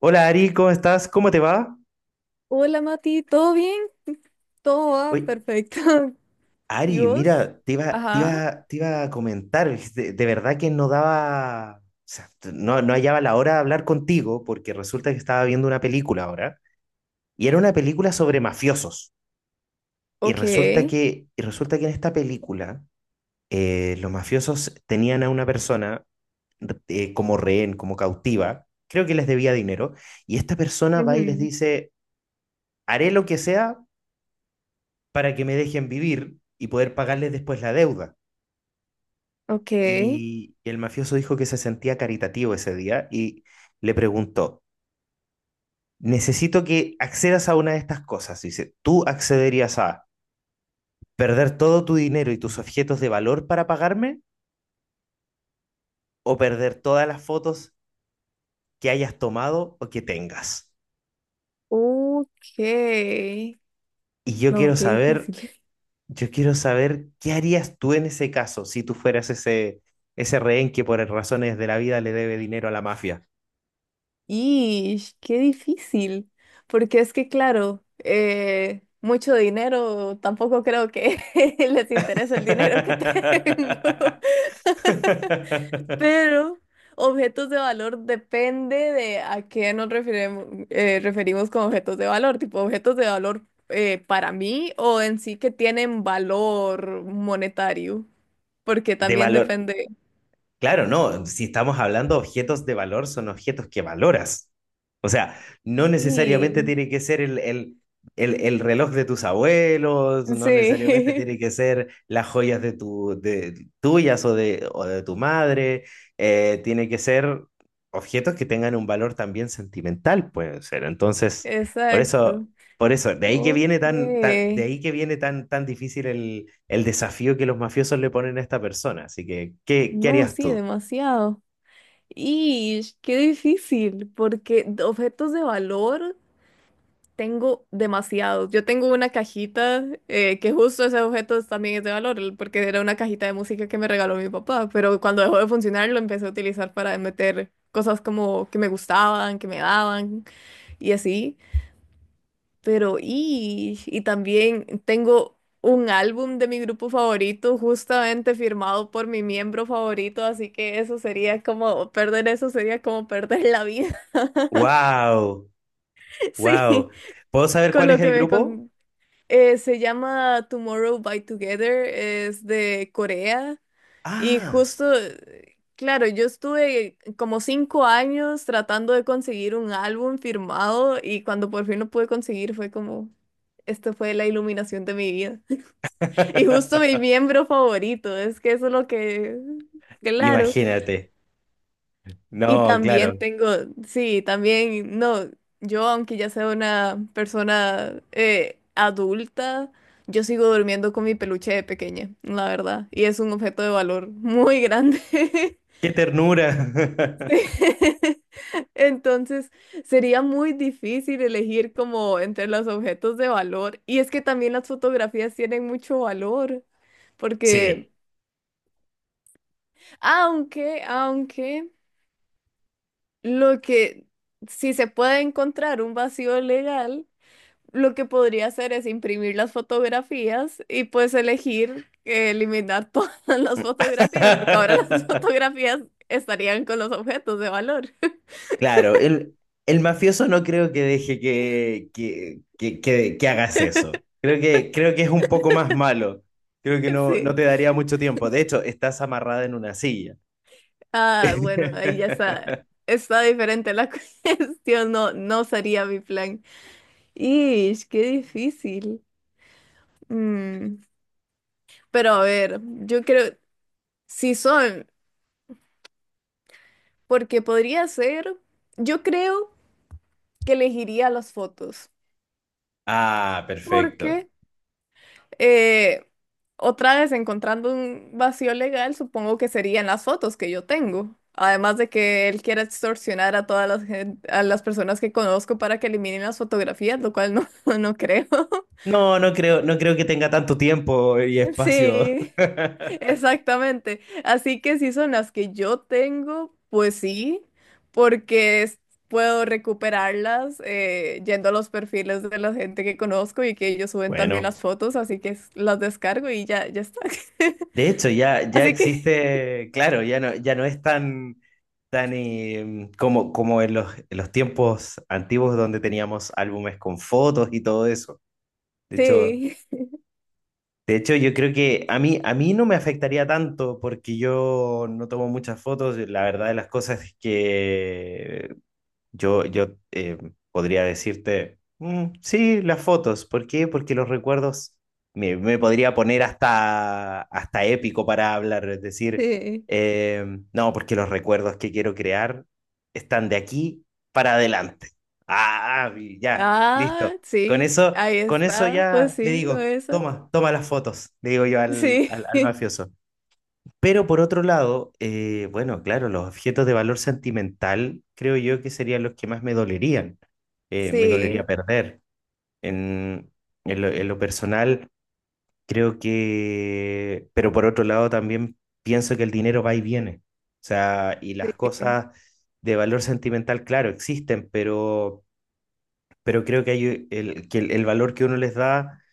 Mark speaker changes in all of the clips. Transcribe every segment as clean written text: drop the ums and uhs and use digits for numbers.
Speaker 1: Hola Ari, ¿cómo estás? ¿Cómo te va?
Speaker 2: Hola Mati, ¿todo bien? Todo va
Speaker 1: Oye,
Speaker 2: perfecto. ¿Y
Speaker 1: Ari,
Speaker 2: vos?
Speaker 1: mira, te iba, te
Speaker 2: Ajá.
Speaker 1: iba, te iba a comentar, es de verdad que no daba, o sea, no hallaba la hora de hablar contigo porque resulta que estaba viendo una película ahora y era una película sobre mafiosos
Speaker 2: Ok.
Speaker 1: y resulta que en esta película los mafiosos tenían a una persona como rehén, como cautiva, creo que les debía dinero y esta persona va y les
Speaker 2: Ujú.
Speaker 1: dice, haré lo que sea para que me dejen vivir y poder pagarles después la deuda.
Speaker 2: Ok.
Speaker 1: Y el mafioso dijo que se sentía caritativo ese día y le preguntó, necesito que accedas a una de estas cosas. Dice, ¿tú accederías a perder todo tu dinero y tus objetos de valor para pagarme o perder todas las fotos que hayas tomado o que tengas?
Speaker 2: Ok.
Speaker 1: Y yo
Speaker 2: No,
Speaker 1: quiero
Speaker 2: qué
Speaker 1: saber,
Speaker 2: difícil.
Speaker 1: yo quiero saber qué harías tú en ese caso si tú fueras ese rehén que por razones de la vida le debe dinero a la mafia.
Speaker 2: Ish, qué difícil. Porque es que, claro, mucho dinero, tampoco creo que les interese el dinero que tengo. Pero objetos de valor depende de a qué nos referimos con objetos de valor, tipo objetos de valor para mí o en sí que tienen valor monetario, porque
Speaker 1: De
Speaker 2: también
Speaker 1: valor.
Speaker 2: depende.
Speaker 1: Claro, no, si estamos hablando de objetos de valor, son objetos que valoras. O sea, no necesariamente
Speaker 2: Sí,
Speaker 1: tiene que ser el reloj de tus abuelos, no necesariamente
Speaker 2: sí,
Speaker 1: tiene que ser las joyas de tuyas o de tu madre, tiene que ser objetos que tengan un valor también sentimental, pueden ser. Entonces, por eso.
Speaker 2: exacto.
Speaker 1: Por eso, de ahí que
Speaker 2: Ok.
Speaker 1: viene de ahí que viene tan, tan difícil el desafío que los mafiosos le ponen a esta persona. Así que, ¿qué, qué
Speaker 2: No,
Speaker 1: harías
Speaker 2: sí,
Speaker 1: tú?
Speaker 2: demasiado. Y qué difícil, porque objetos de valor. Tengo demasiados. Yo tengo una cajita que justo ese objeto también es de valor, porque era una cajita de música que me regaló mi papá, pero cuando dejó de funcionar lo empecé a utilizar para meter cosas como que me gustaban, que me daban y así. Pero y también tengo un álbum de mi grupo favorito justamente firmado por mi miembro favorito, así que eso sería como perder la vida.
Speaker 1: ¡Wow! ¡Wow!
Speaker 2: Sí,
Speaker 1: ¿Puedo saber
Speaker 2: con
Speaker 1: cuál es
Speaker 2: lo que
Speaker 1: el grupo?
Speaker 2: me se llama Tomorrow by Together, es de Corea y
Speaker 1: ¡Ah!
Speaker 2: justo, claro, yo estuve como 5 años tratando de conseguir un álbum firmado y cuando por fin lo pude conseguir fue como, esta fue la iluminación de mi vida. Y justo mi miembro favorito, es que eso es lo que, claro.
Speaker 1: Imagínate.
Speaker 2: Y
Speaker 1: No, claro.
Speaker 2: también tengo, sí, también, no, yo aunque ya sea una persona adulta, yo sigo durmiendo con mi peluche de pequeña, la verdad, y es un objeto de valor muy grande.
Speaker 1: ¡Qué ternura!
Speaker 2: Sí. Entonces, sería muy difícil elegir como entre los objetos de valor, y es que también las fotografías tienen mucho valor, porque
Speaker 1: Sí.
Speaker 2: aunque, lo que, si se puede encontrar un vacío legal, lo que podría hacer es imprimir las fotografías y pues elegir eliminar todas las fotografías, porque ahora las fotografías estarían con los objetos de valor.
Speaker 1: Claro, el mafioso no creo que deje que hagas eso. Creo que es un poco más malo. Creo que no, no
Speaker 2: Sí.
Speaker 1: te daría mucho tiempo. De hecho, estás amarrada en una silla.
Speaker 2: Ah, bueno, ahí ya está. Está diferente la cuestión, no, no sería mi plan. Ish, qué difícil. Mm, Pero a ver, yo creo, si son, porque podría ser, yo creo que elegiría las fotos,
Speaker 1: Ah, perfecto.
Speaker 2: porque Eh, otra vez encontrando un vacío legal, supongo que serían las fotos que yo tengo. Además de que él quiera extorsionar a todas a las personas que conozco para que eliminen las fotografías, lo cual no, no creo.
Speaker 1: No, no creo, no creo que tenga tanto tiempo y espacio.
Speaker 2: Sí, exactamente. Así que si son las que yo tengo, pues sí, porque puedo recuperarlas yendo a los perfiles de la gente que conozco y que ellos suben también
Speaker 1: Bueno.
Speaker 2: las fotos, así que las descargo y ya, ya está.
Speaker 1: De hecho, ya, ya
Speaker 2: Así que
Speaker 1: existe, claro, ya no, ya no es tan, tan como, como en en los tiempos antiguos donde teníamos álbumes con fotos y todo eso. De hecho,
Speaker 2: sí,
Speaker 1: de hecho, yo creo que a mí no me afectaría tanto porque yo no tomo muchas fotos. La verdad de las cosas es que yo podría decirte, "Mm, sí, las fotos. ¿Por qué? Porque los recuerdos me podría poner hasta, hasta épico para hablar. Es decir,
Speaker 2: sí.
Speaker 1: eh, no, porque los recuerdos que quiero crear están de aquí para adelante. Ah, y ya, listo.
Speaker 2: Ah,
Speaker 1: Con
Speaker 2: sí,
Speaker 1: eso,
Speaker 2: ahí
Speaker 1: con eso
Speaker 2: está, pues
Speaker 1: ya le
Speaker 2: sí, con
Speaker 1: digo,
Speaker 2: eso.
Speaker 1: toma, toma las fotos, le digo yo
Speaker 2: Sí,
Speaker 1: al mafioso. Pero por otro lado, bueno, claro, los objetos de valor sentimental creo yo que serían los que más me dolerían, me dolería
Speaker 2: sí,
Speaker 1: perder. En, en en lo personal, creo que, pero por otro lado también pienso que el dinero va y viene. O sea, y las
Speaker 2: sí,
Speaker 1: cosas de valor sentimental, claro, existen, pero creo que hay que el valor que uno les da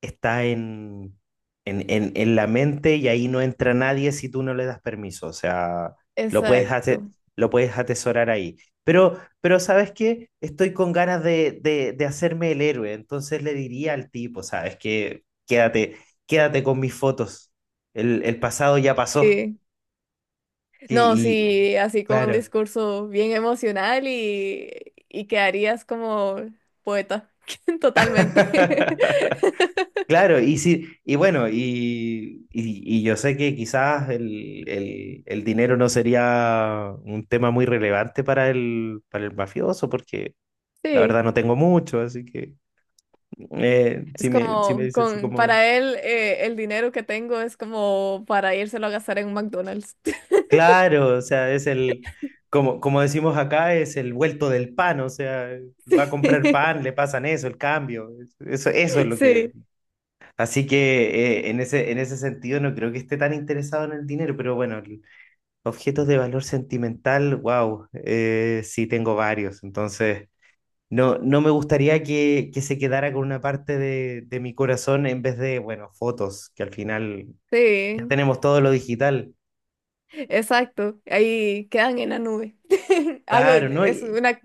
Speaker 1: está en la mente y ahí no entra nadie si tú no le das permiso. O sea, lo puedes ate-
Speaker 2: exacto.
Speaker 1: lo puedes atesorar ahí. Pero ¿sabes qué? Estoy con ganas de hacerme el héroe. Entonces le diría al tipo, ¿sabes qué? Quédate, quédate con mis fotos. El pasado ya pasó.
Speaker 2: Sí.
Speaker 1: Y,
Speaker 2: No,
Speaker 1: y-
Speaker 2: sí, así con un
Speaker 1: claro.
Speaker 2: discurso bien emocional y quedarías como poeta, totalmente.
Speaker 1: Claro, y sí, y bueno, y yo sé que quizás el dinero no sería un tema muy relevante para para el mafioso, porque la
Speaker 2: Sí,
Speaker 1: verdad no tengo mucho, así que
Speaker 2: es
Speaker 1: si me
Speaker 2: como,
Speaker 1: dices así como,
Speaker 2: para él, el dinero que tengo es como para írselo a gastar en un McDonald's.
Speaker 1: claro, o sea, es el, como, como decimos acá, es el vuelto del pan, o sea, va a comprar
Speaker 2: Sí,
Speaker 1: pan, le pasan eso, el cambio, eso es lo que...
Speaker 2: sí,
Speaker 1: Así que en ese sentido no creo que esté tan interesado en el dinero, pero bueno, objetos de valor sentimental, wow, sí tengo varios, entonces no, no me gustaría que se quedara con una parte de mi corazón en vez de, bueno, fotos, que al final ya
Speaker 2: sí.
Speaker 1: tenemos todo lo digital.
Speaker 2: Exacto, ahí quedan en la nube. Algo
Speaker 1: Claro, ¿no?
Speaker 2: es
Speaker 1: Y
Speaker 2: una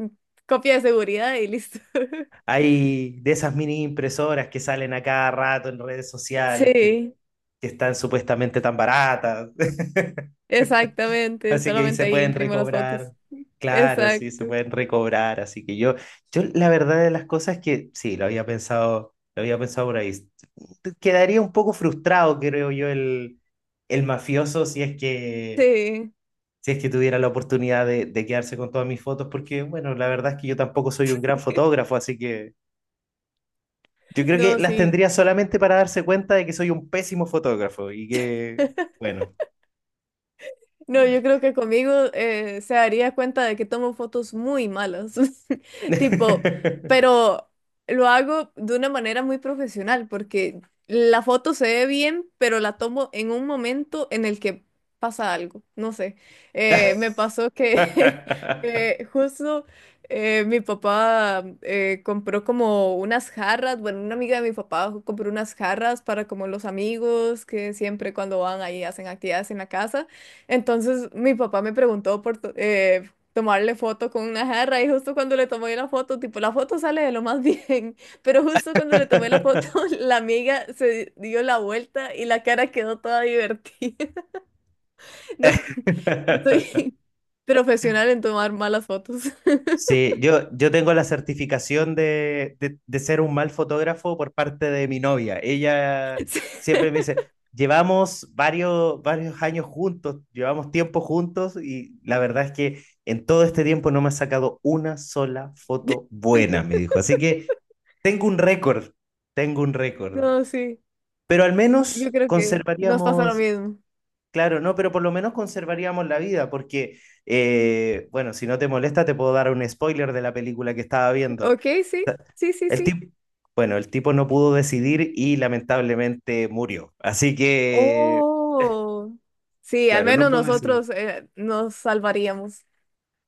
Speaker 2: copia de seguridad y listo.
Speaker 1: hay de esas mini impresoras que salen a cada rato en redes sociales,
Speaker 2: Sí,
Speaker 1: que están supuestamente tan baratas.
Speaker 2: exactamente,
Speaker 1: Así que ahí
Speaker 2: solamente
Speaker 1: se
Speaker 2: ahí
Speaker 1: pueden
Speaker 2: imprimo las fotos.
Speaker 1: recobrar. Claro, sí, se
Speaker 2: Exacto.
Speaker 1: pueden recobrar. Así que yo la verdad de las cosas es que sí, lo había pensado por ahí. Quedaría un poco frustrado, creo yo, el mafioso
Speaker 2: Sí,
Speaker 1: si es que tuviera la oportunidad de quedarse con todas mis fotos, porque bueno, la verdad es que yo tampoco soy un gran fotógrafo, así que yo creo que
Speaker 2: no,
Speaker 1: las
Speaker 2: sí.
Speaker 1: tendría solamente para darse cuenta de que soy un pésimo fotógrafo y que, bueno.
Speaker 2: No, yo creo que conmigo se daría cuenta de que tomo fotos muy malas, tipo, pero lo hago de una manera muy profesional porque la foto se ve bien, pero la tomo en un momento en el que pasa algo, no sé. Me pasó que justo mi papá compró como unas jarras, bueno, una amiga de mi papá compró unas jarras para como los amigos que siempre cuando van ahí hacen actividades en la casa. Entonces mi papá me preguntó por tomarle foto con una jarra y justo cuando le tomé la foto, tipo, la foto sale de lo más bien, pero justo cuando le tomé la foto, la amiga se dio la vuelta y la cara quedó toda divertida. No, no soy profesional en tomar malas fotos.
Speaker 1: Sí, yo tengo la certificación de, de ser un mal fotógrafo por parte de mi novia. Ella
Speaker 2: Sí.
Speaker 1: siempre me dice, llevamos varios, varios años juntos, llevamos tiempo juntos y la verdad es que en todo este tiempo no me ha sacado una sola foto buena, me dijo. Así que tengo un récord, tengo un récord.
Speaker 2: No, sí,
Speaker 1: Pero al
Speaker 2: yo
Speaker 1: menos
Speaker 2: creo que nos pasa lo
Speaker 1: conservaríamos,
Speaker 2: mismo.
Speaker 1: claro, no, pero por lo menos conservaríamos la vida, porque, bueno, si no te molesta, te puedo dar un spoiler de la película que estaba viendo.
Speaker 2: Ok, sí, sí, sí,
Speaker 1: El
Speaker 2: sí.
Speaker 1: tipo, bueno, el tipo no pudo decidir y lamentablemente murió. Así que,
Speaker 2: Oh, sí, al
Speaker 1: claro, no
Speaker 2: menos
Speaker 1: pudo decidir.
Speaker 2: nosotros nos salvaríamos.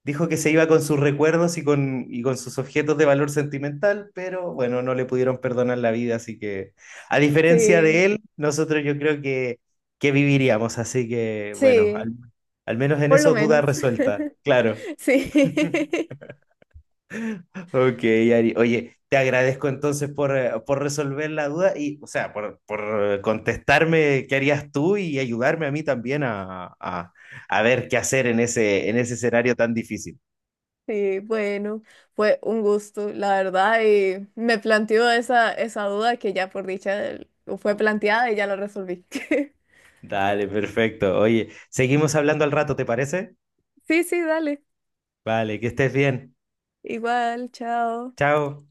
Speaker 1: Dijo que se iba con sus recuerdos y con sus objetos de valor sentimental, pero bueno, no le pudieron perdonar la vida, así que, a diferencia de
Speaker 2: Sí,
Speaker 1: él, nosotros yo creo que viviríamos, así que, bueno,
Speaker 2: sí,
Speaker 1: al menos en
Speaker 2: por lo
Speaker 1: eso duda
Speaker 2: menos.
Speaker 1: resuelta, claro.
Speaker 2: Sí,
Speaker 1: Ok, Ari. Oye, te agradezco entonces por resolver la duda y, o sea, por contestarme qué harías tú y ayudarme a mí también a, a ver qué hacer en ese escenario tan difícil.
Speaker 2: sí, bueno, fue un gusto, la verdad, y me planteó esa duda que ya por dicha fue planteada y ya la resolví.
Speaker 1: Dale, perfecto. Oye, seguimos hablando al rato, ¿te parece?
Speaker 2: Sí, sí, dale.
Speaker 1: Vale, que estés bien.
Speaker 2: Igual, chao.
Speaker 1: Chao.